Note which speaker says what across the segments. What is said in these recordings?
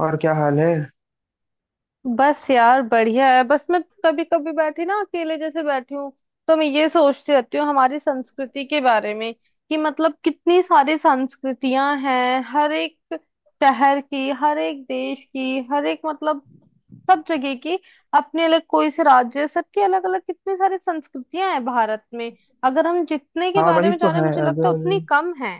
Speaker 1: और क्या हाल है।
Speaker 2: बस यार बढ़िया है। बस मैं कभी कभी बैठी ना, अकेले जैसे बैठी हूँ तो मैं ये सोचती रहती हूँ हमारी संस्कृति के बारे में कि मतलब कितनी सारी संस्कृतियां हैं। हर एक शहर की, हर एक देश की, हर एक मतलब सब जगह की, अपने अलग कोई से राज्य, सबकी अलग अलग कितनी सारी संस्कृतियां हैं भारत में। अगर हम जितने के
Speaker 1: हाँ,
Speaker 2: बारे
Speaker 1: वही
Speaker 2: में
Speaker 1: तो
Speaker 2: जाने,
Speaker 1: है।
Speaker 2: मुझे लगता है
Speaker 1: अगर
Speaker 2: उतनी कम है।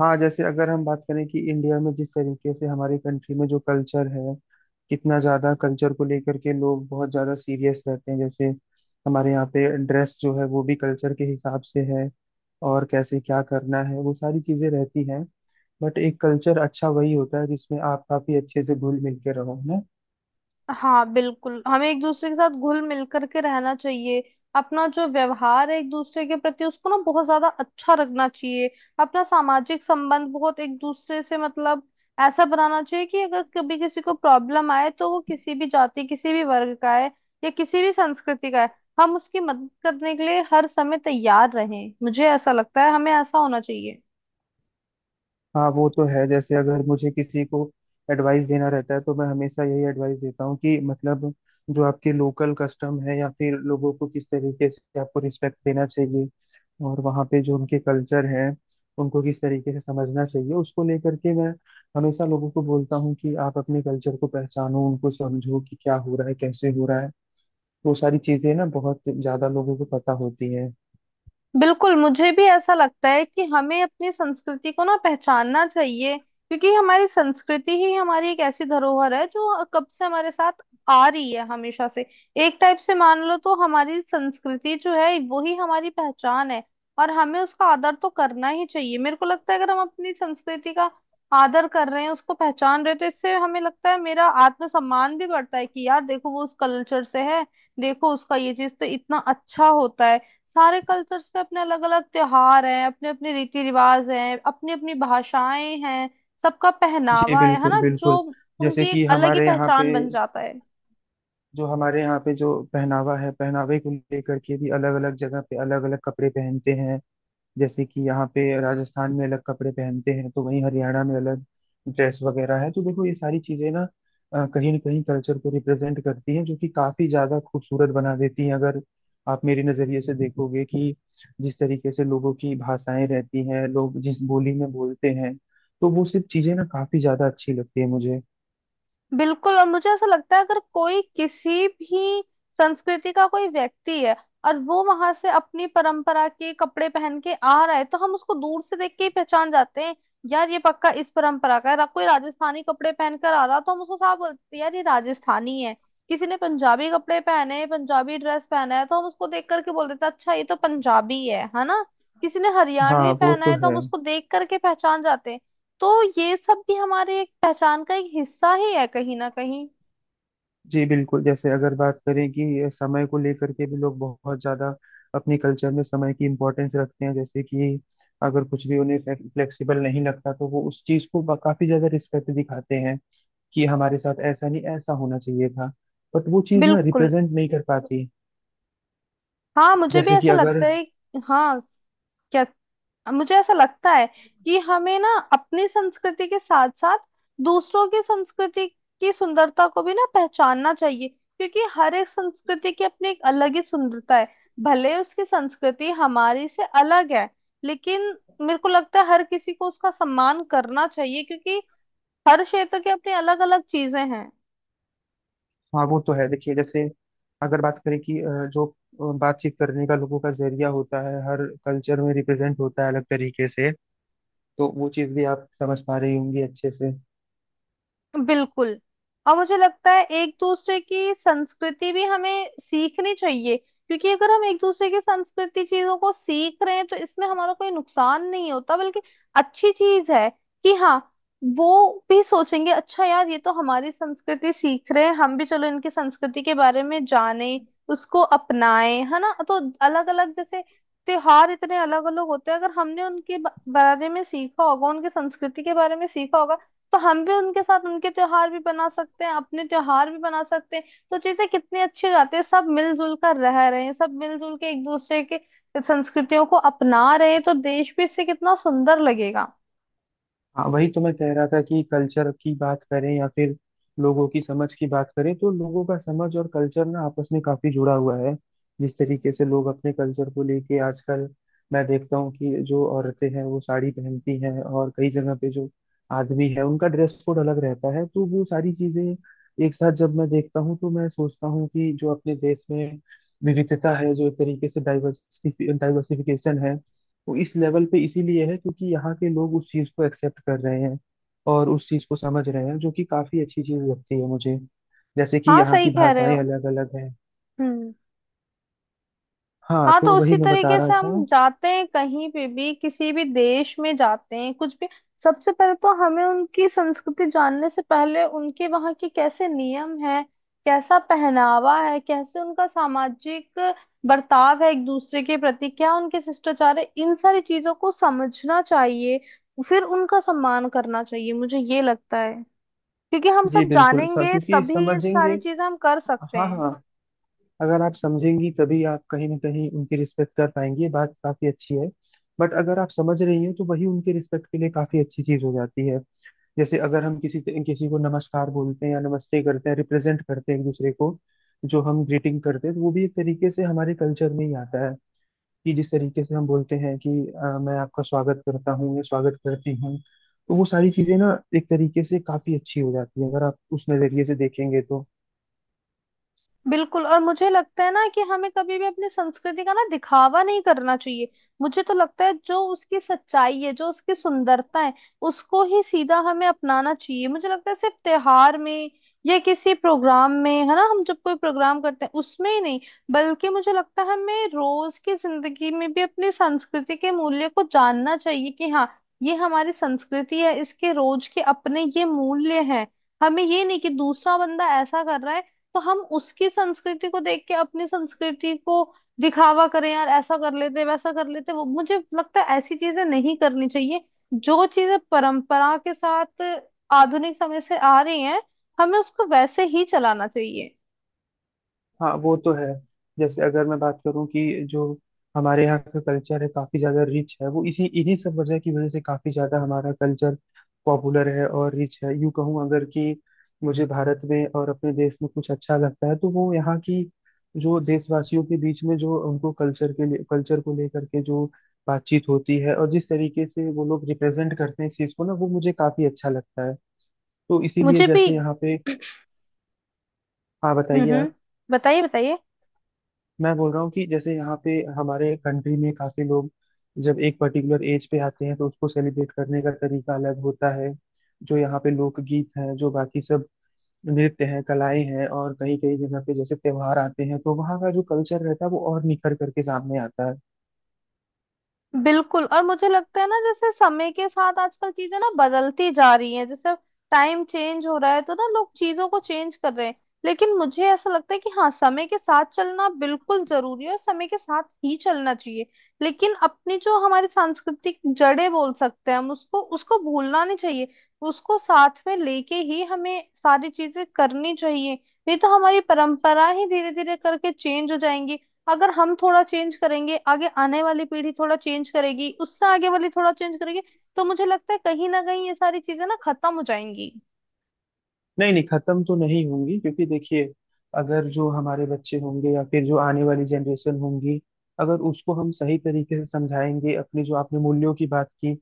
Speaker 1: हाँ, जैसे अगर हम बात करें कि इंडिया में जिस तरीके से हमारी कंट्री में जो कल्चर है, कितना ज्यादा कल्चर को लेकर के लोग बहुत ज्यादा सीरियस रहते हैं। जैसे हमारे यहाँ पे ड्रेस जो है वो भी कल्चर के हिसाब से है, और कैसे क्या करना है वो सारी चीजें रहती हैं। बट एक कल्चर अच्छा वही होता है जिसमें आप काफी अच्छे से घुल मिल के रहो, है ना।
Speaker 2: हाँ, बिल्कुल। हमें एक दूसरे के साथ घुल मिल करके रहना चाहिए। अपना जो व्यवहार है एक दूसरे के प्रति, उसको ना बहुत ज्यादा अच्छा रखना चाहिए। अपना सामाजिक संबंध बहुत एक दूसरे से मतलब ऐसा बनाना चाहिए कि अगर कभी किसी को प्रॉब्लम आए तो वो किसी भी जाति, किसी भी वर्ग का है, या किसी भी संस्कृति का है, हम उसकी मदद करने के लिए हर समय तैयार रहें। मुझे ऐसा लगता है हमें ऐसा होना चाहिए।
Speaker 1: हाँ वो तो है। जैसे अगर मुझे किसी को एडवाइस देना रहता है तो मैं हमेशा यही एडवाइस देता हूँ कि मतलब जो आपके लोकल कस्टम है या फिर लोगों को किस तरीके से आपको रिस्पेक्ट देना चाहिए और वहाँ पे जो उनके कल्चर हैं उनको किस तरीके से समझना चाहिए, उसको लेकर के मैं हमेशा लोगों को बोलता हूँ कि आप अपने कल्चर को पहचानो, उनको समझो कि क्या हो रहा है, कैसे हो रहा है। वो सारी चीजें ना बहुत ज्यादा लोगों को पता होती हैं।
Speaker 2: बिल्कुल, मुझे भी ऐसा लगता है कि हमें अपनी संस्कृति को ना पहचानना चाहिए, क्योंकि हमारी संस्कृति ही हमारी एक ऐसी धरोहर है जो कब से हमारे साथ आ रही है, हमेशा से। एक टाइप से मान लो तो हमारी संस्कृति जो है वो ही हमारी पहचान है, और हमें उसका आदर तो करना ही चाहिए। मेरे को लगता है अगर हम अपनी संस्कृति का आदर कर रहे हैं, उसको पहचान रहे हैं, तो इससे हमें लगता है मेरा आत्मसम्मान भी बढ़ता है कि यार देखो, वो उस कल्चर से है, देखो उसका ये चीज तो इतना अच्छा होता है। सारे कल्चर्स पे अपने अलग अलग त्योहार हैं, अपने अपने रीति रिवाज हैं, अपनी अपनी भाषाएं हैं, सबका
Speaker 1: जी
Speaker 2: पहनावा है
Speaker 1: बिल्कुल
Speaker 2: ना, जो
Speaker 1: बिल्कुल।
Speaker 2: उनकी
Speaker 1: जैसे
Speaker 2: एक
Speaker 1: कि
Speaker 2: अलग ही
Speaker 1: हमारे यहाँ पे
Speaker 2: पहचान बन जाता है।
Speaker 1: जो हमारे यहाँ पे जो पहनावा है, पहनावे को लेकर के भी अलग अलग जगह पे अलग अलग कपड़े पहनते हैं। जैसे कि यहाँ पे राजस्थान में अलग कपड़े पहनते हैं तो वहीं हरियाणा में अलग ड्रेस वगैरह है। तो देखो ये सारी चीजें ना कहीं ना कहीं कल्चर को रिप्रेजेंट करती हैं, जो कि काफी ज्यादा खूबसूरत बना देती हैं। अगर आप मेरे नजरिए से देखोगे कि जिस तरीके से लोगों की भाषाएं रहती हैं, लोग जिस बोली में बोलते हैं, तो वो सब चीजें ना काफी ज्यादा अच्छी लगती है मुझे।
Speaker 2: बिल्कुल, और मुझे ऐसा लगता है, अगर कोई किसी भी संस्कृति का कोई व्यक्ति है और वो वहां से अपनी परंपरा के कपड़े पहन के आ रहा है, तो हम उसको दूर से देख के ही पहचान जाते हैं यार, ये पक्का इस परंपरा का है। कोई राजस्थानी कपड़े पहन कर आ रहा तो हम उसको साफ बोलते हैं यार, ये राजस्थानी है। किसी ने पंजाबी कपड़े पहने हैं, पंजाबी ड्रेस पहना है, तो हम उसको देख करके बोल देते हैं, अच्छा, ये तो पंजाबी है ना। किसी ने
Speaker 1: हाँ
Speaker 2: हरियाणवी
Speaker 1: वो
Speaker 2: पहना
Speaker 1: तो
Speaker 2: है तो हम
Speaker 1: है।
Speaker 2: उसको देख करके पहचान जाते हैं। तो ये सब भी हमारे एक पहचान का एक हिस्सा ही है कहीं ना कहीं।
Speaker 1: जी बिल्कुल। जैसे अगर बात करें कि ये समय को लेकर के भी लोग बहुत ज्यादा अपने कल्चर में समय की इम्पोर्टेंस रखते हैं। जैसे कि अगर कुछ भी उन्हें फ्लेक्सिबल नहीं लगता तो वो उस चीज को काफी ज्यादा रिस्पेक्ट दिखाते हैं कि हमारे साथ ऐसा नहीं, ऐसा होना चाहिए था। बट वो चीज ना
Speaker 2: बिल्कुल।
Speaker 1: रिप्रेजेंट नहीं कर पाती।
Speaker 2: हाँ, मुझे भी
Speaker 1: जैसे कि
Speaker 2: ऐसा
Speaker 1: अगर
Speaker 2: लगता है। हाँ। क्या? मुझे ऐसा लगता है कि हमें ना अपनी संस्कृति के साथ साथ दूसरों की संस्कृति की सुंदरता को भी ना पहचानना चाहिए, क्योंकि हर एक संस्कृति की अपनी एक अलग ही सुंदरता है। भले उसकी संस्कृति हमारी से अलग है, लेकिन मेरे को लगता है हर किसी को उसका सम्मान करना चाहिए, क्योंकि हर क्षेत्र की अपनी अलग अलग चीजें हैं।
Speaker 1: हाँ वो तो है। देखिए, जैसे अगर बात करें कि जो बातचीत करने का लोगों का जरिया होता है, हर कल्चर में रिप्रेजेंट होता है अलग तरीके से, तो वो चीज भी आप समझ पा रही होंगी अच्छे से।
Speaker 2: बिल्कुल। और मुझे लगता है एक दूसरे की संस्कृति भी हमें सीखनी चाहिए, क्योंकि अगर हम एक दूसरे की संस्कृति चीजों को सीख रहे हैं तो इसमें हमारा कोई नुकसान नहीं होता, बल्कि अच्छी चीज है कि हाँ, वो भी सोचेंगे, अच्छा यार ये तो हमारी संस्कृति सीख रहे हैं, हम भी चलो इनकी संस्कृति के बारे में जाने, उसको अपनाएं, है ना। तो अलग अलग जैसे त्योहार इतने अलग अलग होते हैं, अगर हमने उनके बारे में सीखा होगा, उनकी संस्कृति के बारे में सीखा होगा, तो हम भी उनके साथ उनके त्योहार भी बना सकते हैं, अपने त्योहार भी बना सकते हैं। तो चीजें कितनी अच्छी हो जाती है, सब मिलजुल कर रह रहे हैं, सब मिलजुल के एक दूसरे के संस्कृतियों को अपना रहे हैं, तो देश भी इससे कितना सुंदर लगेगा।
Speaker 1: हाँ वही तो मैं कह रहा था कि कल्चर की बात करें या फिर लोगों की समझ की बात करें, तो लोगों का समझ और कल्चर ना आपस में काफी जुड़ा हुआ है। जिस तरीके से लोग अपने कल्चर को लेके आजकल मैं देखता हूँ कि जो औरतें हैं वो साड़ी पहनती हैं, और कई जगह पे जो आदमी है उनका ड्रेस कोड अलग रहता है। तो वो सारी चीजें एक साथ जब मैं देखता हूँ तो मैं सोचता हूँ कि जो अपने देश में विविधता है, जो एक तरीके से डाइवर्सिफिकेशन है, वो इस लेवल पे इसीलिए है क्योंकि यहाँ के लोग उस चीज को एक्सेप्ट कर रहे हैं और उस चीज को समझ रहे हैं, जो कि काफी अच्छी चीज लगती है मुझे। जैसे कि
Speaker 2: हाँ,
Speaker 1: यहाँ
Speaker 2: सही
Speaker 1: की
Speaker 2: कह रहे हो।
Speaker 1: भाषाएं अलग अलग हैं।
Speaker 2: हम्म।
Speaker 1: हाँ
Speaker 2: हाँ,
Speaker 1: तो
Speaker 2: तो उसी
Speaker 1: वही मैं बता
Speaker 2: तरीके से
Speaker 1: रहा था।
Speaker 2: हम जाते हैं कहीं पे भी, किसी भी देश में जाते हैं कुछ भी, सबसे पहले तो हमें उनकी संस्कृति जानने से पहले उनके वहाँ के कैसे नियम है, कैसा पहनावा है, कैसे उनका सामाजिक बर्ताव है एक दूसरे के प्रति, क्या उनके शिष्टाचार है, इन सारी चीजों को समझना चाहिए। फिर उनका सम्मान करना चाहिए, मुझे ये लगता है। क्योंकि हम
Speaker 1: जी
Speaker 2: सब
Speaker 1: बिल्कुल सर,
Speaker 2: जानेंगे
Speaker 1: क्योंकि
Speaker 2: तभी ये सारी
Speaker 1: समझेंगे।
Speaker 2: चीजें हम कर सकते
Speaker 1: हाँ
Speaker 2: हैं।
Speaker 1: हाँ, अगर आप समझेंगी तभी आप कहीं ना कहीं उनकी रिस्पेक्ट कर पाएंगी, ये बात काफी अच्छी है। बट अगर आप समझ रही हैं तो वही उनके रिस्पेक्ट के लिए काफी अच्छी चीज हो जाती है। जैसे अगर हम किसी किसी को नमस्कार बोलते हैं या नमस्ते करते हैं, रिप्रेजेंट करते हैं एक दूसरे को, जो हम ग्रीटिंग करते हैं, तो वो भी एक तरीके से हमारे कल्चर में ही आता है। कि जिस तरीके से हम बोलते हैं कि मैं आपका स्वागत करता हूँ या स्वागत करती हूँ, तो वो सारी चीजें ना एक तरीके से काफी अच्छी हो जाती है अगर आप उस नजरिए से देखेंगे तो।
Speaker 2: बिल्कुल, और मुझे लगता है ना कि हमें कभी भी अपनी संस्कृति का ना दिखावा नहीं करना चाहिए। मुझे तो लगता है जो उसकी सच्चाई है, जो उसकी सुंदरता है, उसको ही सीधा हमें अपनाना चाहिए। मुझे लगता है सिर्फ त्योहार में या किसी प्रोग्राम में, है ना, हम जब कोई प्रोग्राम करते हैं उसमें ही नहीं, बल्कि मुझे लगता है हमें रोज की जिंदगी में भी अपनी संस्कृति के मूल्य को जानना चाहिए कि हाँ, ये हमारी संस्कृति है, इसके रोज के अपने ये मूल्य हैं। हमें ये नहीं कि दूसरा बंदा ऐसा कर रहा है तो हम उसकी संस्कृति को देख के अपनी संस्कृति को दिखावा करें यार, ऐसा कर लेते वैसा कर लेते। वो मुझे लगता है ऐसी चीजें नहीं करनी चाहिए। जो चीजें परंपरा के साथ आधुनिक समय से आ रही हैं, हमें उसको वैसे ही चलाना चाहिए।
Speaker 1: हाँ वो तो है। जैसे अगर मैं बात करूँ कि जो हमारे यहाँ का कल्चर है काफी ज्यादा रिच है, वो इसी इन्हीं सब वजह की वजह से काफी ज्यादा हमारा कल्चर पॉपुलर है और रिच है। यूं कहूँ अगर कि मुझे भारत में और अपने देश में कुछ अच्छा लगता है तो वो यहाँ की जो देशवासियों के बीच में जो उनको कल्चर के लिए कल्चर को लेकर के जो बातचीत होती है और जिस तरीके से वो लोग रिप्रेजेंट करते हैं इस चीज को ना, वो मुझे काफी अच्छा लगता है। तो इसीलिए
Speaker 2: मुझे भी।
Speaker 1: जैसे यहाँ पे हाँ, बताइए
Speaker 2: हम्म। हम्म।
Speaker 1: आप।
Speaker 2: बताइए, बताइए।
Speaker 1: मैं बोल रहा हूँ कि जैसे यहाँ पे हमारे कंट्री में काफी लोग जब एक पर्टिकुलर एज पे आते हैं तो उसको सेलिब्रेट करने का तरीका अलग होता है। जो यहाँ पे लोकगीत हैं, जो बाकी सब नृत्य हैं, कलाएं हैं, और कई कई जगह पे जैसे त्योहार आते हैं तो वहाँ का जो कल्चर रहता है वो और निखर करके सामने आता है।
Speaker 2: बिल्कुल, और मुझे लगता है ना जैसे समय के साथ आजकल चीजें ना बदलती जा रही हैं, जैसे टाइम चेंज हो रहा है तो ना लोग चीजों को चेंज कर रहे हैं। लेकिन मुझे ऐसा लगता है कि हाँ, समय के साथ चलना बिल्कुल जरूरी है, और समय के साथ ही चलना चाहिए, लेकिन अपनी जो हमारी सांस्कृतिक जड़ें बोल सकते हैं हम, उसको उसको भूलना नहीं चाहिए। उसको साथ में लेके ही हमें सारी चीजें करनी चाहिए, नहीं तो हमारी परंपरा ही धीरे धीरे करके चेंज हो जाएंगी। अगर हम थोड़ा चेंज करेंगे, आगे आने वाली पीढ़ी थोड़ा चेंज करेगी, उससे आगे वाली थोड़ा चेंज करेगी, तो मुझे लगता है कहीं ना कहीं ये सारी चीजें ना खत्म हो जाएंगी।
Speaker 1: नहीं नहीं, खत्म तो नहीं होंगी, क्योंकि देखिए अगर जो हमारे बच्चे होंगे या फिर जो आने वाली जनरेशन होंगी, अगर उसको हम सही तरीके से समझाएंगे, अपने जो आपने मूल्यों की बात की,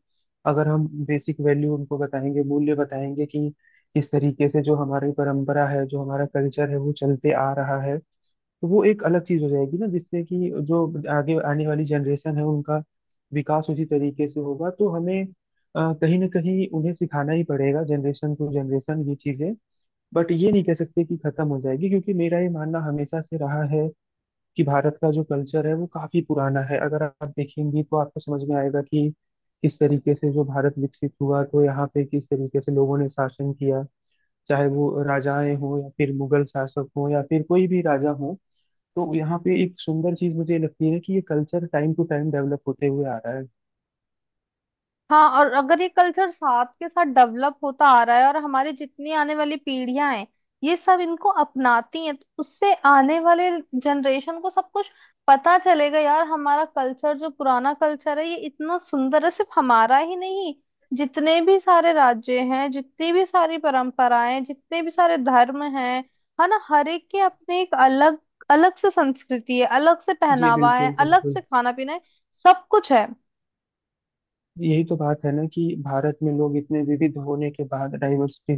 Speaker 1: अगर हम बेसिक वैल्यू उनको बताएंगे, मूल्य बताएंगे कि किस तरीके से जो हमारी परंपरा है, जो हमारा कल्चर है, वो चलते आ रहा है, तो वो एक अलग चीज हो जाएगी ना, जिससे कि जो आगे आने वाली जनरेशन है उनका विकास उसी तरीके से होगा। तो हमें कहीं ना कहीं उन्हें सिखाना ही पड़ेगा जनरेशन टू जनरेशन ये चीजें। बट ये नहीं कह सकते कि खत्म हो जाएगी, क्योंकि मेरा ये मानना हमेशा से रहा है कि भारत का जो कल्चर है वो काफी पुराना है। अगर आप देखेंगी तो आपको समझ में आएगा कि किस तरीके से जो भारत विकसित हुआ, तो यहाँ पे किस तरीके से लोगों ने शासन किया, चाहे वो राजाएं हों या फिर मुगल शासक हों या फिर कोई भी राजा हो, तो यहाँ पे एक सुंदर चीज मुझे लगती है कि ये culture time to time develop होते हुए आ रहा है।
Speaker 2: हाँ, और अगर ये कल्चर साथ के साथ डेवलप होता आ रहा है और हमारी जितनी आने वाली पीढ़ियां हैं ये सब इनको अपनाती हैं, तो उससे आने वाले जनरेशन को सब कुछ पता चलेगा यार, हमारा कल्चर जो पुराना कल्चर है ये इतना सुंदर है। सिर्फ हमारा ही नहीं, जितने भी सारे राज्य हैं, जितनी भी सारी परंपराएं, जितने भी सारे धर्म हैं, है ना, हर एक के अपने एक अलग अलग से संस्कृति है, अलग से
Speaker 1: जी
Speaker 2: पहनावा
Speaker 1: बिल्कुल
Speaker 2: है, अलग
Speaker 1: बिल्कुल।
Speaker 2: से खाना पीना है, सब कुछ है।
Speaker 1: यही तो बात है ना कि भारत में लोग इतने विविध होने के बाद डाइवर्सिटी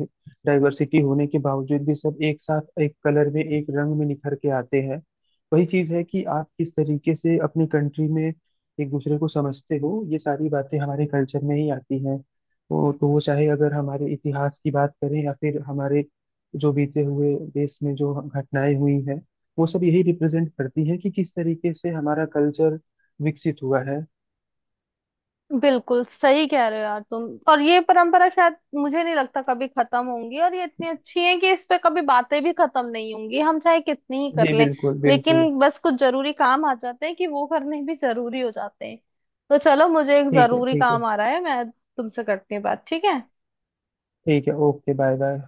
Speaker 1: डाइवर्सिटी होने के बावजूद भी सब एक साथ एक कलर में एक रंग में निखर के आते हैं। वही चीज है कि आप किस तरीके से अपनी कंट्री में एक दूसरे को समझते हो, ये सारी बातें हमारे कल्चर में ही आती हैं। वो तो वो चाहे अगर हमारे इतिहास की बात करें या फिर हमारे जो बीते हुए देश में जो घटनाएं हुई हैं, वो सब यही रिप्रेजेंट करती है कि किस तरीके से हमारा कल्चर विकसित हुआ है।
Speaker 2: बिल्कुल सही कह रहे हो यार तुम। और ये परंपरा शायद मुझे नहीं लगता कभी खत्म होंगी, और ये इतनी अच्छी है कि इस पे कभी बातें भी खत्म नहीं होंगी, हम चाहे कितनी ही कर
Speaker 1: जी
Speaker 2: लें।
Speaker 1: बिल्कुल बिल्कुल।
Speaker 2: लेकिन बस कुछ जरूरी काम आ जाते हैं कि वो करने भी जरूरी हो जाते हैं। तो चलो, मुझे एक
Speaker 1: ठीक है
Speaker 2: जरूरी
Speaker 1: ठीक है।
Speaker 2: काम आ रहा है, मैं तुमसे करती हूँ बात, ठीक है।
Speaker 1: ठीक है, ओके, बाय बाय।